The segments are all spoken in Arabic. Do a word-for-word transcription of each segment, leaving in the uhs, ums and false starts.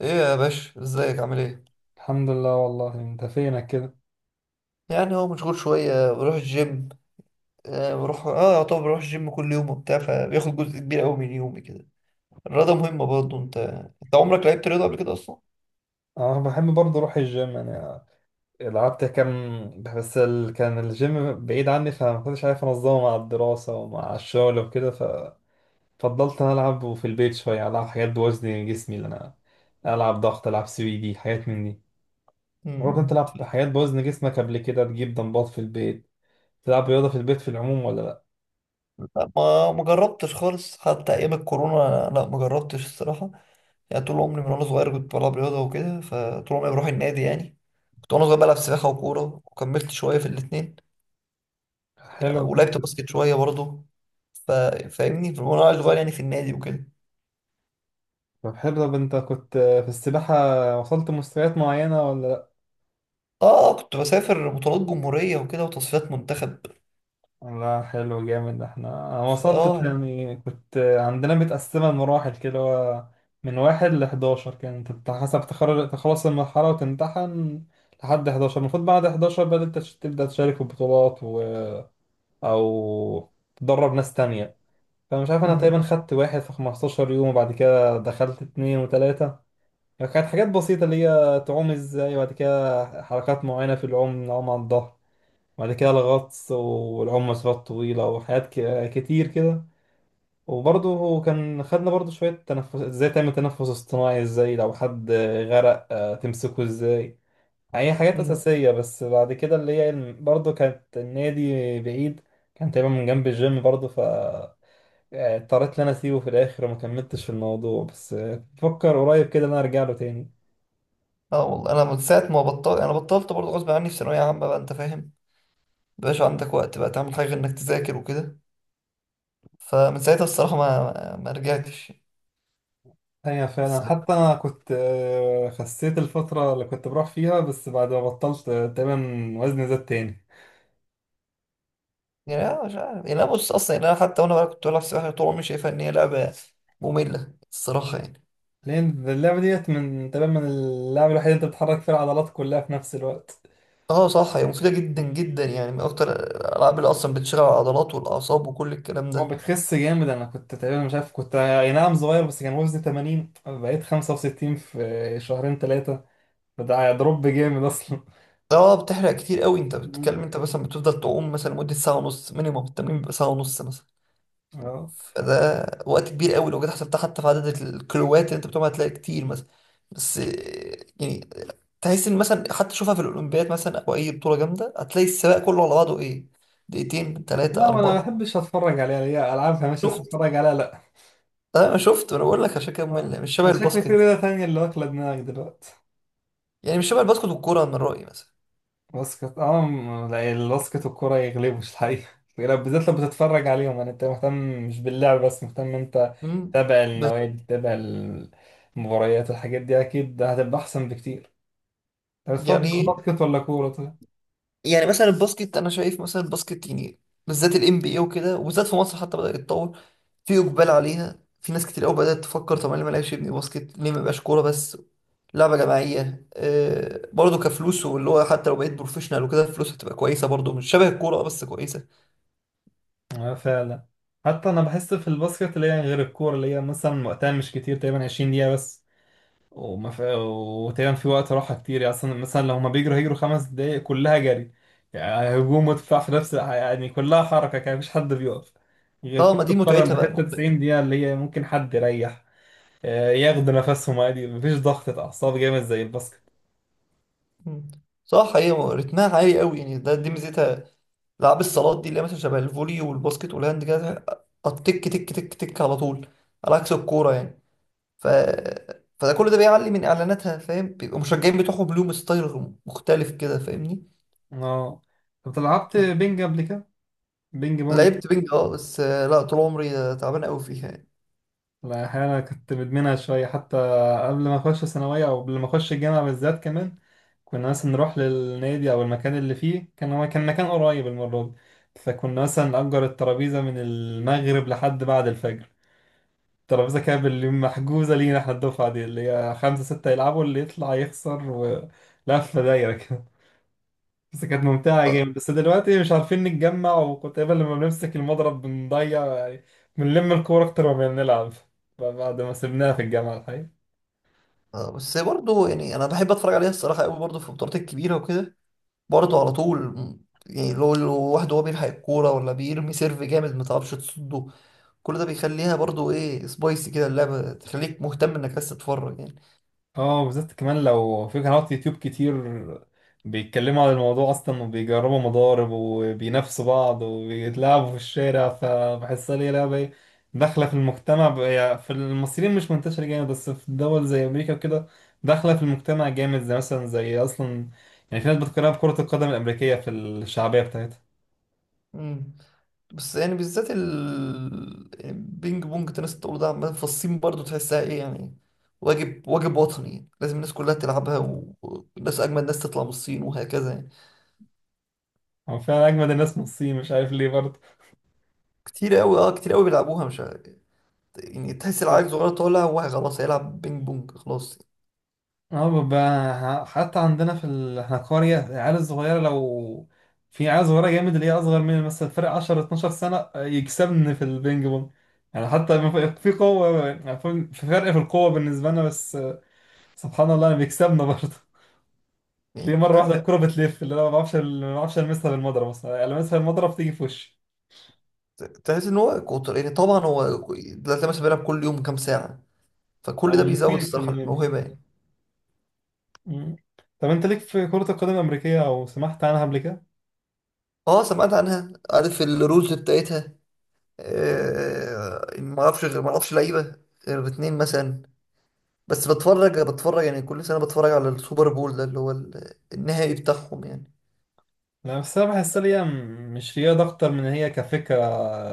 ايه يا باشا ازيك عامل ايه؟ الحمد لله والله، انت فينك كده. يعني هو مشغول شويه بروح الجيم. آه بروح، اه طبعا بروح الجيم كل يوم وبتاع، فبياخد جزء كبير قوي من يومي كده. الرياضه مهمه برضه. انت انت عمرك لعبت رياضه قبل كده اصلا؟ انا بحب برضه اروح الجيم يعني. لعبت كام بس ال... كان الجيم بعيد عني، فما كنتش عارف انظمه مع الدراسه ومع الشغل وكده. ففضلت انا العب في البيت شويه، العب حاجات بوزن جسمي اللي انا العب ضغط، العب سويدي، حاجات من دي. برضه انت مم. تلعب حاجات بوزن جسمك قبل كده؟ تجيب دمبات في البيت، تلعب رياضه في البيت في العموم ولا لا؟ لا، ما ما جربتش خالص حتى ايام الكورونا، لا ما جربتش الصراحه. يعني طول عمري من وانا صغير كنت بلعب رياضه وكده، فطول عمري بروح النادي يعني. كنت وانا صغير بلعب سباحه وكوره وكملت شويه في الاثنين. حلو ولعبت كنت. باسكت شويه برضه. ف- فاهمني وانا صغير يعني في النادي وكده. طب حلو، طب انت كنت في السباحه وصلت مستويات معينه ولا؟ اه كنت بسافر بطولات جمهورية وكده وتصفيات منتخب. لا حلو جامد. احنا انا ف- وصلت اه يعني. يعني، كنت عندنا متقسمة لمراحل كده، هو من واحد لحداشر كانت، انت حسب تخرج تخلص المرحلة وتمتحن لحد حداشر. المفروض بعد حداشر بقى انت تش- تبدأ تشارك في بطولات و... أو تدرب ناس تانية. فمش عارف، أنا تقريبا مهم. خدت واحد في خمستاشر يوم، وبعد كده دخلت اتنين وتلاتة. يعني كانت حاجات بسيطة، اللي هي تعوم ازاي، وبعد كده حركات معينة في العوم، نعوم على الظهر، وبعد كده الغطس والعوم مسافات طويلة وحاجات ك- كتير كده. وبرضه هو كان خدنا برضه شوية تنفس ازاي، تعمل تنفس اصطناعي ازاي لو حد غرق، آه، تمسكه ازاي. يعني هي حاجات مم. أساسية بس. بعد كده اللي هي الم- برضه كانت النادي بعيد، كان تقريبا من جنب الجيم برضه. ف آه، اضطريت ان انا اسيبه في الاخر وما كملتش في الموضوع. بس آه، بفكر قريب كده ان انا ارجع له تاني. اه والله انا من ساعة ما بطلت، انا بطلت برضه غصب عني في ثانوية عامة بقى انت فاهم. مبقاش عندك وقت بقى تعمل حاجة غير انك تذاكر وكده. فمن ساعتها الصراحة ما ما ما رجعتش. هي بس- فعلا، حتى انا كنت آه، خسيت الفترة اللي كنت بروح فيها، بس بعد ما بطلت آه، تقريبا وزني زاد تاني. يعني انا مش عارف، يعني انا بص اصلا، يعني انا حتى وانا بقى كنت بلعب سباحة طول عمري شايفها ان هي لعبة مملة الصراحة يعني. لان اللعبة ديت من تقريبا، من اللعبة الوحيدة اللي انت بتحرك فيها العضلات كلها في نفس الوقت. اه صح، هي مفيدة جدا جدا، يعني من اكتر الالعاب اللي اصلا بتشغل العضلات والاعصاب وكل الكلام هو ده. بتخس جامد. انا كنت تقريبا، مش عارف، كنت اي نعم صغير، بس كان وزني تمانين بقيت خمسة وستين في شهرين ثلاثة. فده دروب جامد اصلا. اه بتحرق كتير قوي. انت مم. بتتكلم انت مثلا بتفضل تعوم مثلا مدة ساعة ونص مينيموم، التمرين بيبقى ساعة ونص مثلا. اه. فده وقت كبير قوي، لو جيت حسبتها حتى في عدد الكيلوات اللي انت بتقوم هتلاقي كتير مثلا. بس آه، يعني تحس ان مثلا حتى شوفها في الاولمبياد مثلا او اي بطولة جامدة، هتلاقي السباق كله على بعضه ايه، دقيقتين ثلاثة لا ما انا ما أربعة. بحبش اتفرج عليها، هي العابها مش بس شفت؟ اتفرج عليها لا. اه انا شفت، انا بقول لك عشان كده آه، ممل، مش شبه ده شكلي في الباسكت ليلة تانية اللي واكلة دماغك دلوقتي. يعني. مش شبه الباسكت والكورة من رأيي مثلا. باسكت اه م- لا، الباسكت والكورة يغلبوش الحقيقة. لو- بالذات لو بتتفرج عليهم يعني، انت مهتم مش باللعب بس، مهتم انت امم. تتابع بس- النوادي، تتابع المباريات، الحاجات دي اكيد هتبقى احسن بكتير. طب بتفضل يعني، باسكت ولا كورة طيب؟ يعني مثلا الباسكت انا شايف مثلا الباسكت يعني، بالذات الام بي اي وكده، وبالذات في مصر حتى بدأ يتطور، في اقبال عليها، في ناس كتير قوي بدأت تفكر طب انا ليه ما لعبش ابني باسكت، ليه ما يبقاش كوره بس. لعبه جماعيه، آه برضه كفلوس، واللي هو حتى لو بقيت بروفيشنال وكده الفلوس هتبقى كويسه، برضه مش شبه الكوره، آه، بس كويسه. اه فعلا. حتى انا بحس في الباسكت، اللي هي غير الكورة، اللي هي مثلا وقتها مش كتير، تقريبا عشرين دقيقة بس. وما في... وتقريبا في وقت راحة كتير يعني، أصلا مثلا لو هما بيجروا هيجروا خمس دقايق كلها جري يعني، هجوم ودفاع في نفس الع- يعني كلها حركة، كان مفيش حد بيقف. غير اه كرة ما دي القدم متعتها بقى بحتة، مختلف. تسعين دقيقة اللي هي ممكن حد يريح، آه، ياخدوا نفسهم عادي، مفيش ضغطة أعصاب جامد زي الباسكت. صح، هي رتمها عالي قوي يعني، ده دي ميزتها. العاب الصالات دي اللي هي مثلا شبه الفولي والباسكت والهاند كده، التك تك تك تك على طول، على عكس الكوره يعني. ف فده كل ده بيعلي من اعلاناتها، فاهم، بيبقوا مشجعين بتوعهم لهم ستايل مختلف كده، فاهمني. اه. طب لعبت بينج قبل كده؟ بينج بونج. لعبت بينج، اه بس آه، لا طول عمري آه، تعبان قوي فيها يعني. لا أحيانا كنت مدمنها شوية حتى، قبل ما أخش ثانوية، أو قبل ما أخش الجامعة بالذات كمان. كنا مثلا نروح للنادي، أو المكان اللي فيه، كان هو كان مكان قريب المرة دي، فكنا مثلا نأجر الترابيزة من المغرب لحد بعد الفجر. الترابيزة كانت باللي محجوزة لينا احنا، الدفعة دي اللي هي خمسة ستة يلعبوا، اللي يطلع يخسر، ولفة دايرة. بس كانت ممتعة اه. جامد. بس دلوقتي مش عارفين نتجمع. وكنت دايما لما بنمسك المضرب بنضيع يعني، بنلم الكورة أكتر ما بنلعب. بعد ما سيبناها في الجامعة الحقيقة. آه، بس برضه يعني انا بحب اتفرج عليها الصراحه قوي، برضه في البطولات الكبيره وكده، برضه على طول، م- يعني لو لو واحد هو بيلحق الكوره ولا بيرمي سيرف جامد ما تعرفش تصده، كل ده بيخليها برضه ايه، سبايسي كده، اللعبه تخليك مهتم انك بس تتفرج يعني. اه بالذات كمان لو في قنوات يوتيوب كتير بيتكلموا عن الموضوع اصلا، وبيجربوا مضارب، وبينافسوا بعض، وبيتلاعبوا في الشارع. فبحسها ليه لعبة ايه داخلة في المجتمع ب- يعني في المصريين مش منتشرة جامد، بس في دول زي امريكا وكده داخلة في المجتمع جامد، زي مثلا زي اصلا يعني، في ناس بتقارنها بكرة القدم الامريكية في الشعبية بتاعتها. مم. بس يعني بالذات ال، يعني بينج بونج انت الناس بتقوله ده عمال في الصين، برضه تحسها ايه يعني، واجب واجب وطني لازم الناس كلها تلعبها، و- والناس اجمل ناس تطلع من الصين وهكذا يعني. هو فعلا اجمد الناس من الصين، مش عارف ليه برضه. كتير قوي، اه كتير قوي بيلعبوها مش عارف. يعني تحس العيل صغير طالع هو خلاص هيلعب بينج بونج خلاص. اه بقى. حتى عندنا في ال... احنا قرية، العيال الصغيرة لو، في عيال صغيرة جامد اللي هي أصغر مني، مثلا فرق عشرة اتناشر سنة، يكسبني في البينج بونج. يعني حتى ما في في قوة يعني، في في فرق في القوة بالنسبة لنا، بس سبحان الله أنا بيكسبنا برضه. يعني تلاقيه مش مرة واحدة عارف. الكورة بتلف، اللي أنا ما بعرفش ما بعرفش ألمسها بالمضرب، مثلا ألمسها بالمضرب تيجي في وشي، ت- تحس ان هو كتر، يعني طبعا هو كو- دلوقتي مثلا بيلعب كل يوم كام ساعة، فكل ده أو بيزود ممكن في الصراحة النادي. الموهبة يعني. مم. طب أنت ليك في كرة القدم الأمريكية، أو سمعت عنها قبل كده؟ اه سمعت عنها، عارف الرولز بتاعتها، آه، ما اعرفش غير، ما اعرفش لعيبه غير اتنين مثلا. بس بتفرج بتفرج، يعني كل سنه بتفرج على السوبر بول ده اللي هو ال- النهائي بتاعهم يعني. لا بس انا بحس إن هي م- مش رياضة اكتر من إن هي كفكرة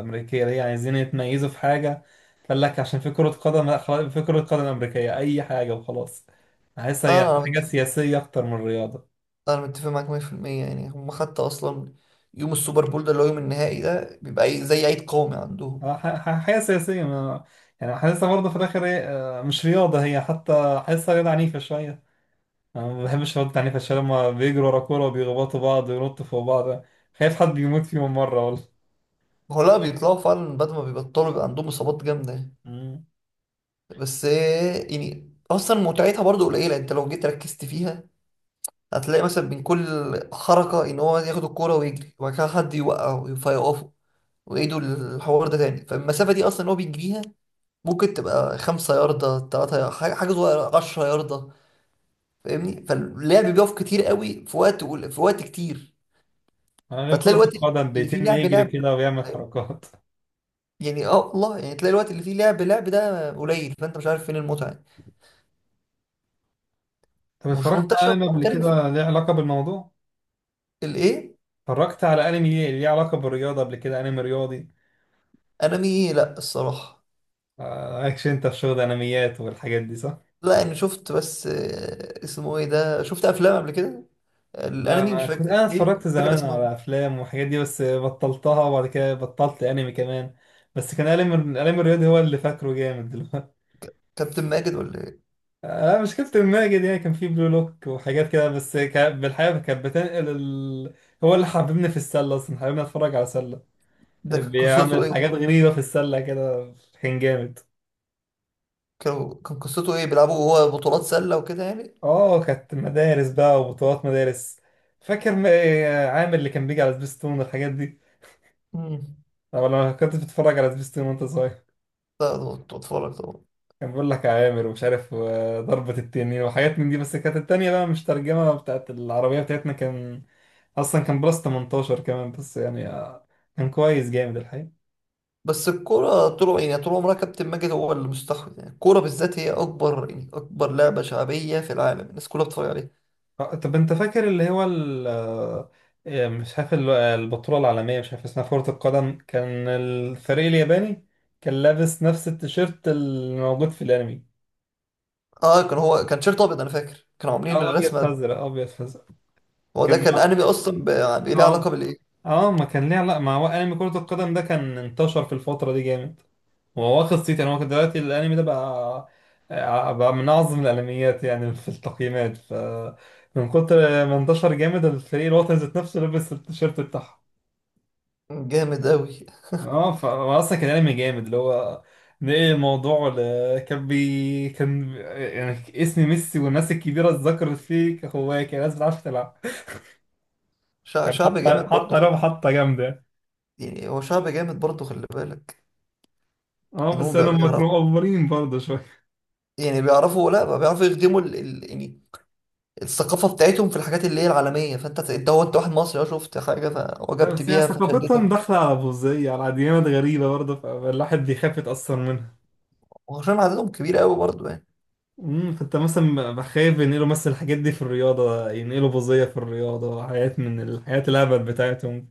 امريكية، اللي هي عايزين يتميزوا في حاجة. قال لك عشان في كرة قدم، لا خلاص، في كرة قدم امريكية، اي حاجة وخلاص. بحس هي اه انا حاجة متفق، سياسية اكتر من رياضة. انا متفق معاك مئة في المئة يعني، هم حتى اصلا يوم السوبر بول ده اللي هو يوم النهائي ده بيبقى أي- زي عيد قومي عندهم. آه، ح- ح- حاجة سياسية ما يعني، حاسسها برضه في الاخر إيه، آه، مش رياضة، هي حتى حاسسها رياضة عنيفة شوية. انا ما بحبش الرياضة العنيفة، عشان لما بيجروا ورا كورة وبيخبطوا بعض وينطوا فوق بعض، خايف حد يموت فيهم مرة والله. هو لا بيطلعوا فعلا، بعد ما بيبطلوا بيبقى عندهم اصابات جامده. مم. بس آه، يعني اصلا متعتها برضو قليله انت لو جيت ركزت فيها. هتلاقي مثلا من كل حركة، إن هو ياخد الكورة ويجري وبعد كده حد يوقعه فيقفه، ويعيدوا الحوار ده تاني، فالمسافة دي أصلا هو بيجريها ممكن تبقى خمسة ياردة، تلاتة، حاجة حاجة صغيرة، عشرة ياردة، فاهمني، فاللعب بيقف كتير قوي في وقت، في وقت كتير. انا غير فتلاقي كرة الوقت القدم، اللي فيه بيتم لعب يجري لعب، كده ويعمل فاهم؟ حركات. يعني اه والله، يعني تلاقي الوقت اللي فيه لعب لعب ده قليل، فانت مش عارف فين المتعة. طب مش اتفرجت على منتشر انمي قبل محترف كده ليه علاقة بالموضوع؟ الايه. اتفرجت على انمي ليه ليه علاقة بالرياضة قبل كده، انمي رياضي؟ انمي إيه؟ لا الصراحة. آه، مالكش انت في شغل انميات والحاجات دي صح؟ لا يعني شفت، بس آه، اسمه ايه ده، شفت افلام قبل كده، لا الانمي مش انا كنت، فاكر انا ايه، اتفرجت مش فاكر زمان اسمهم. على افلام والحاجات دي، بس بطلتها، وبعد كده بطلت انمي كمان. بس كان انمي، الانمي الرياضي هو اللي فاكره جامد دلوقتي. كابتن ماجد ولا ايه؟ آه، مشكلة الماجد يعني، كان فيه بلو لوك وحاجات كده. بس كا- بالحقيقة كانت بتنقل ال... هو اللي حببني في السلة أصلا، حببني أتفرج على سلة، ده كان قصته بيعمل ايه حاجات ده؟ غريبة في السلة كده، كان جامد. كانوا، كان قصته ايه، بيلعبوا هو بطولات سله وكده يعني. اه كانت مدارس بقى وبطولات مدارس. فاكر م- آه، عامر اللي كان بيجي على سبيستون والحاجات دي؟ امم. طب لما كنت بتتفرج على سبيستون وانت صغير، لا ده كنت بتفرج طبعا. كان بيقول لك يا عامر ومش عارف آه، ضربة التنين وحاجات من دي. بس كانت التانية بقى مش ترجمة بتاعت العربية بتاعتنا، كان أصلا كان بلس ثمانية عشر كمان. بس يعني آه، كان كويس جامد الحقيقة. بس الكوره طول، يعني طول عمرها كابتن ماجد هو اللي مستحوذ، يعني الكوره بالذات هي اكبر، يعني اكبر لعبه شعبيه في العالم، الناس كلها بتتفرج عليها. آه، طب انت فاكر اللي هو ال آه، آه، مش عارف ال- آه، البطولة العالمية مش عارف اسمها، كرة القدم، كان الفريق الياباني كان لابس نفس التيشيرت اللي موجود في الانمي. اه كان هو كان شيرت ابيض، انا فاكر كانوا عاملين اه ابيض الرسمه دي. فازرق، ابيض فازرق. هو كان ده كان انمي اصلا، ب- يعني ليه علاقه اه بالايه. اه ما كان ليه علاقة، ما هو انمي كرة القدم. ده كان انتشر في الفترة دي جامد، هو واخد صيت يعني. هو كان دلوقتي الانمي ده بقى آه، بقى من اعظم الانميات يعني في التقييمات. ف من كتر ما انتشر جامد، الفريق الوطني ذات نفسه لبس التيشيرت بتاعهم. جامد قوي. اه ف- هو اصلا كان انمي جامد، اللي هو نقل الموضوع ل... كان بي كان يعني اسم ميسي والناس الكبيره اتذكرت فيه كهوايه، كان الناس بتعرف تلعب. شع- كان شعب حاطه جامد برضه حاطه لهم خل... حاطه جامده. يعني هو شعب جامد برضه خلي بالك، اه ان هم بس انا بي- هم بيعرفوا، كانوا مقفرين برضه شويه. يعني بيعرفوا، لا بقى بيعرفوا يخدموا ال، ال، يعني الثقافة بتاعتهم في الحاجات اللي هي العالمية، فانت ت- انت هو، انت واحد مصري اه، شفت حاجة لا فوجبت بس هي بيها ثقافتهم فشدتك. داخله على بوذيه، على ديانات غريبه برضه، فالواحد بيخاف يتاثر منها. وعشان عددهم كبير قوي برضه يعني. امم. فانت مثلا بخاف ينقلوا مثلا الحاجات دي في الرياضه، ينقلوا بوذيه في الرياضه، حاجات من الحاجات الهبل بتاعتهم.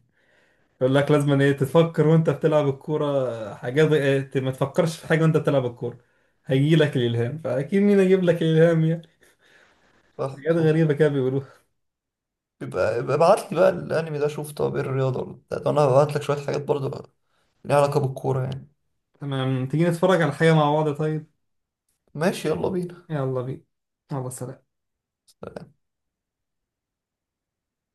يقول لك لازم ايه تفكر وانت بتلعب الكوره، حاجات إيه، ت- ما تفكرش في حاجه وانت بتلعب الكوره هيجي لك الالهام. فاكيد مين هيجيب لك الالهام يعني؟ صح حاجات صح. غريبه كده بيقولوها. يبقى يبقى ابعت لي بقى الانمي ده، شوف طب ايه، الرياضة ولا بتاع. ده انا هبعت لك شوية حاجات برضه ليها علاقة بالكورة يعني. تمام، تيجي نتفرج على حاجه مع بعض طيب؟ ماشي يلا بينا. يلا بينا. يلا سلام.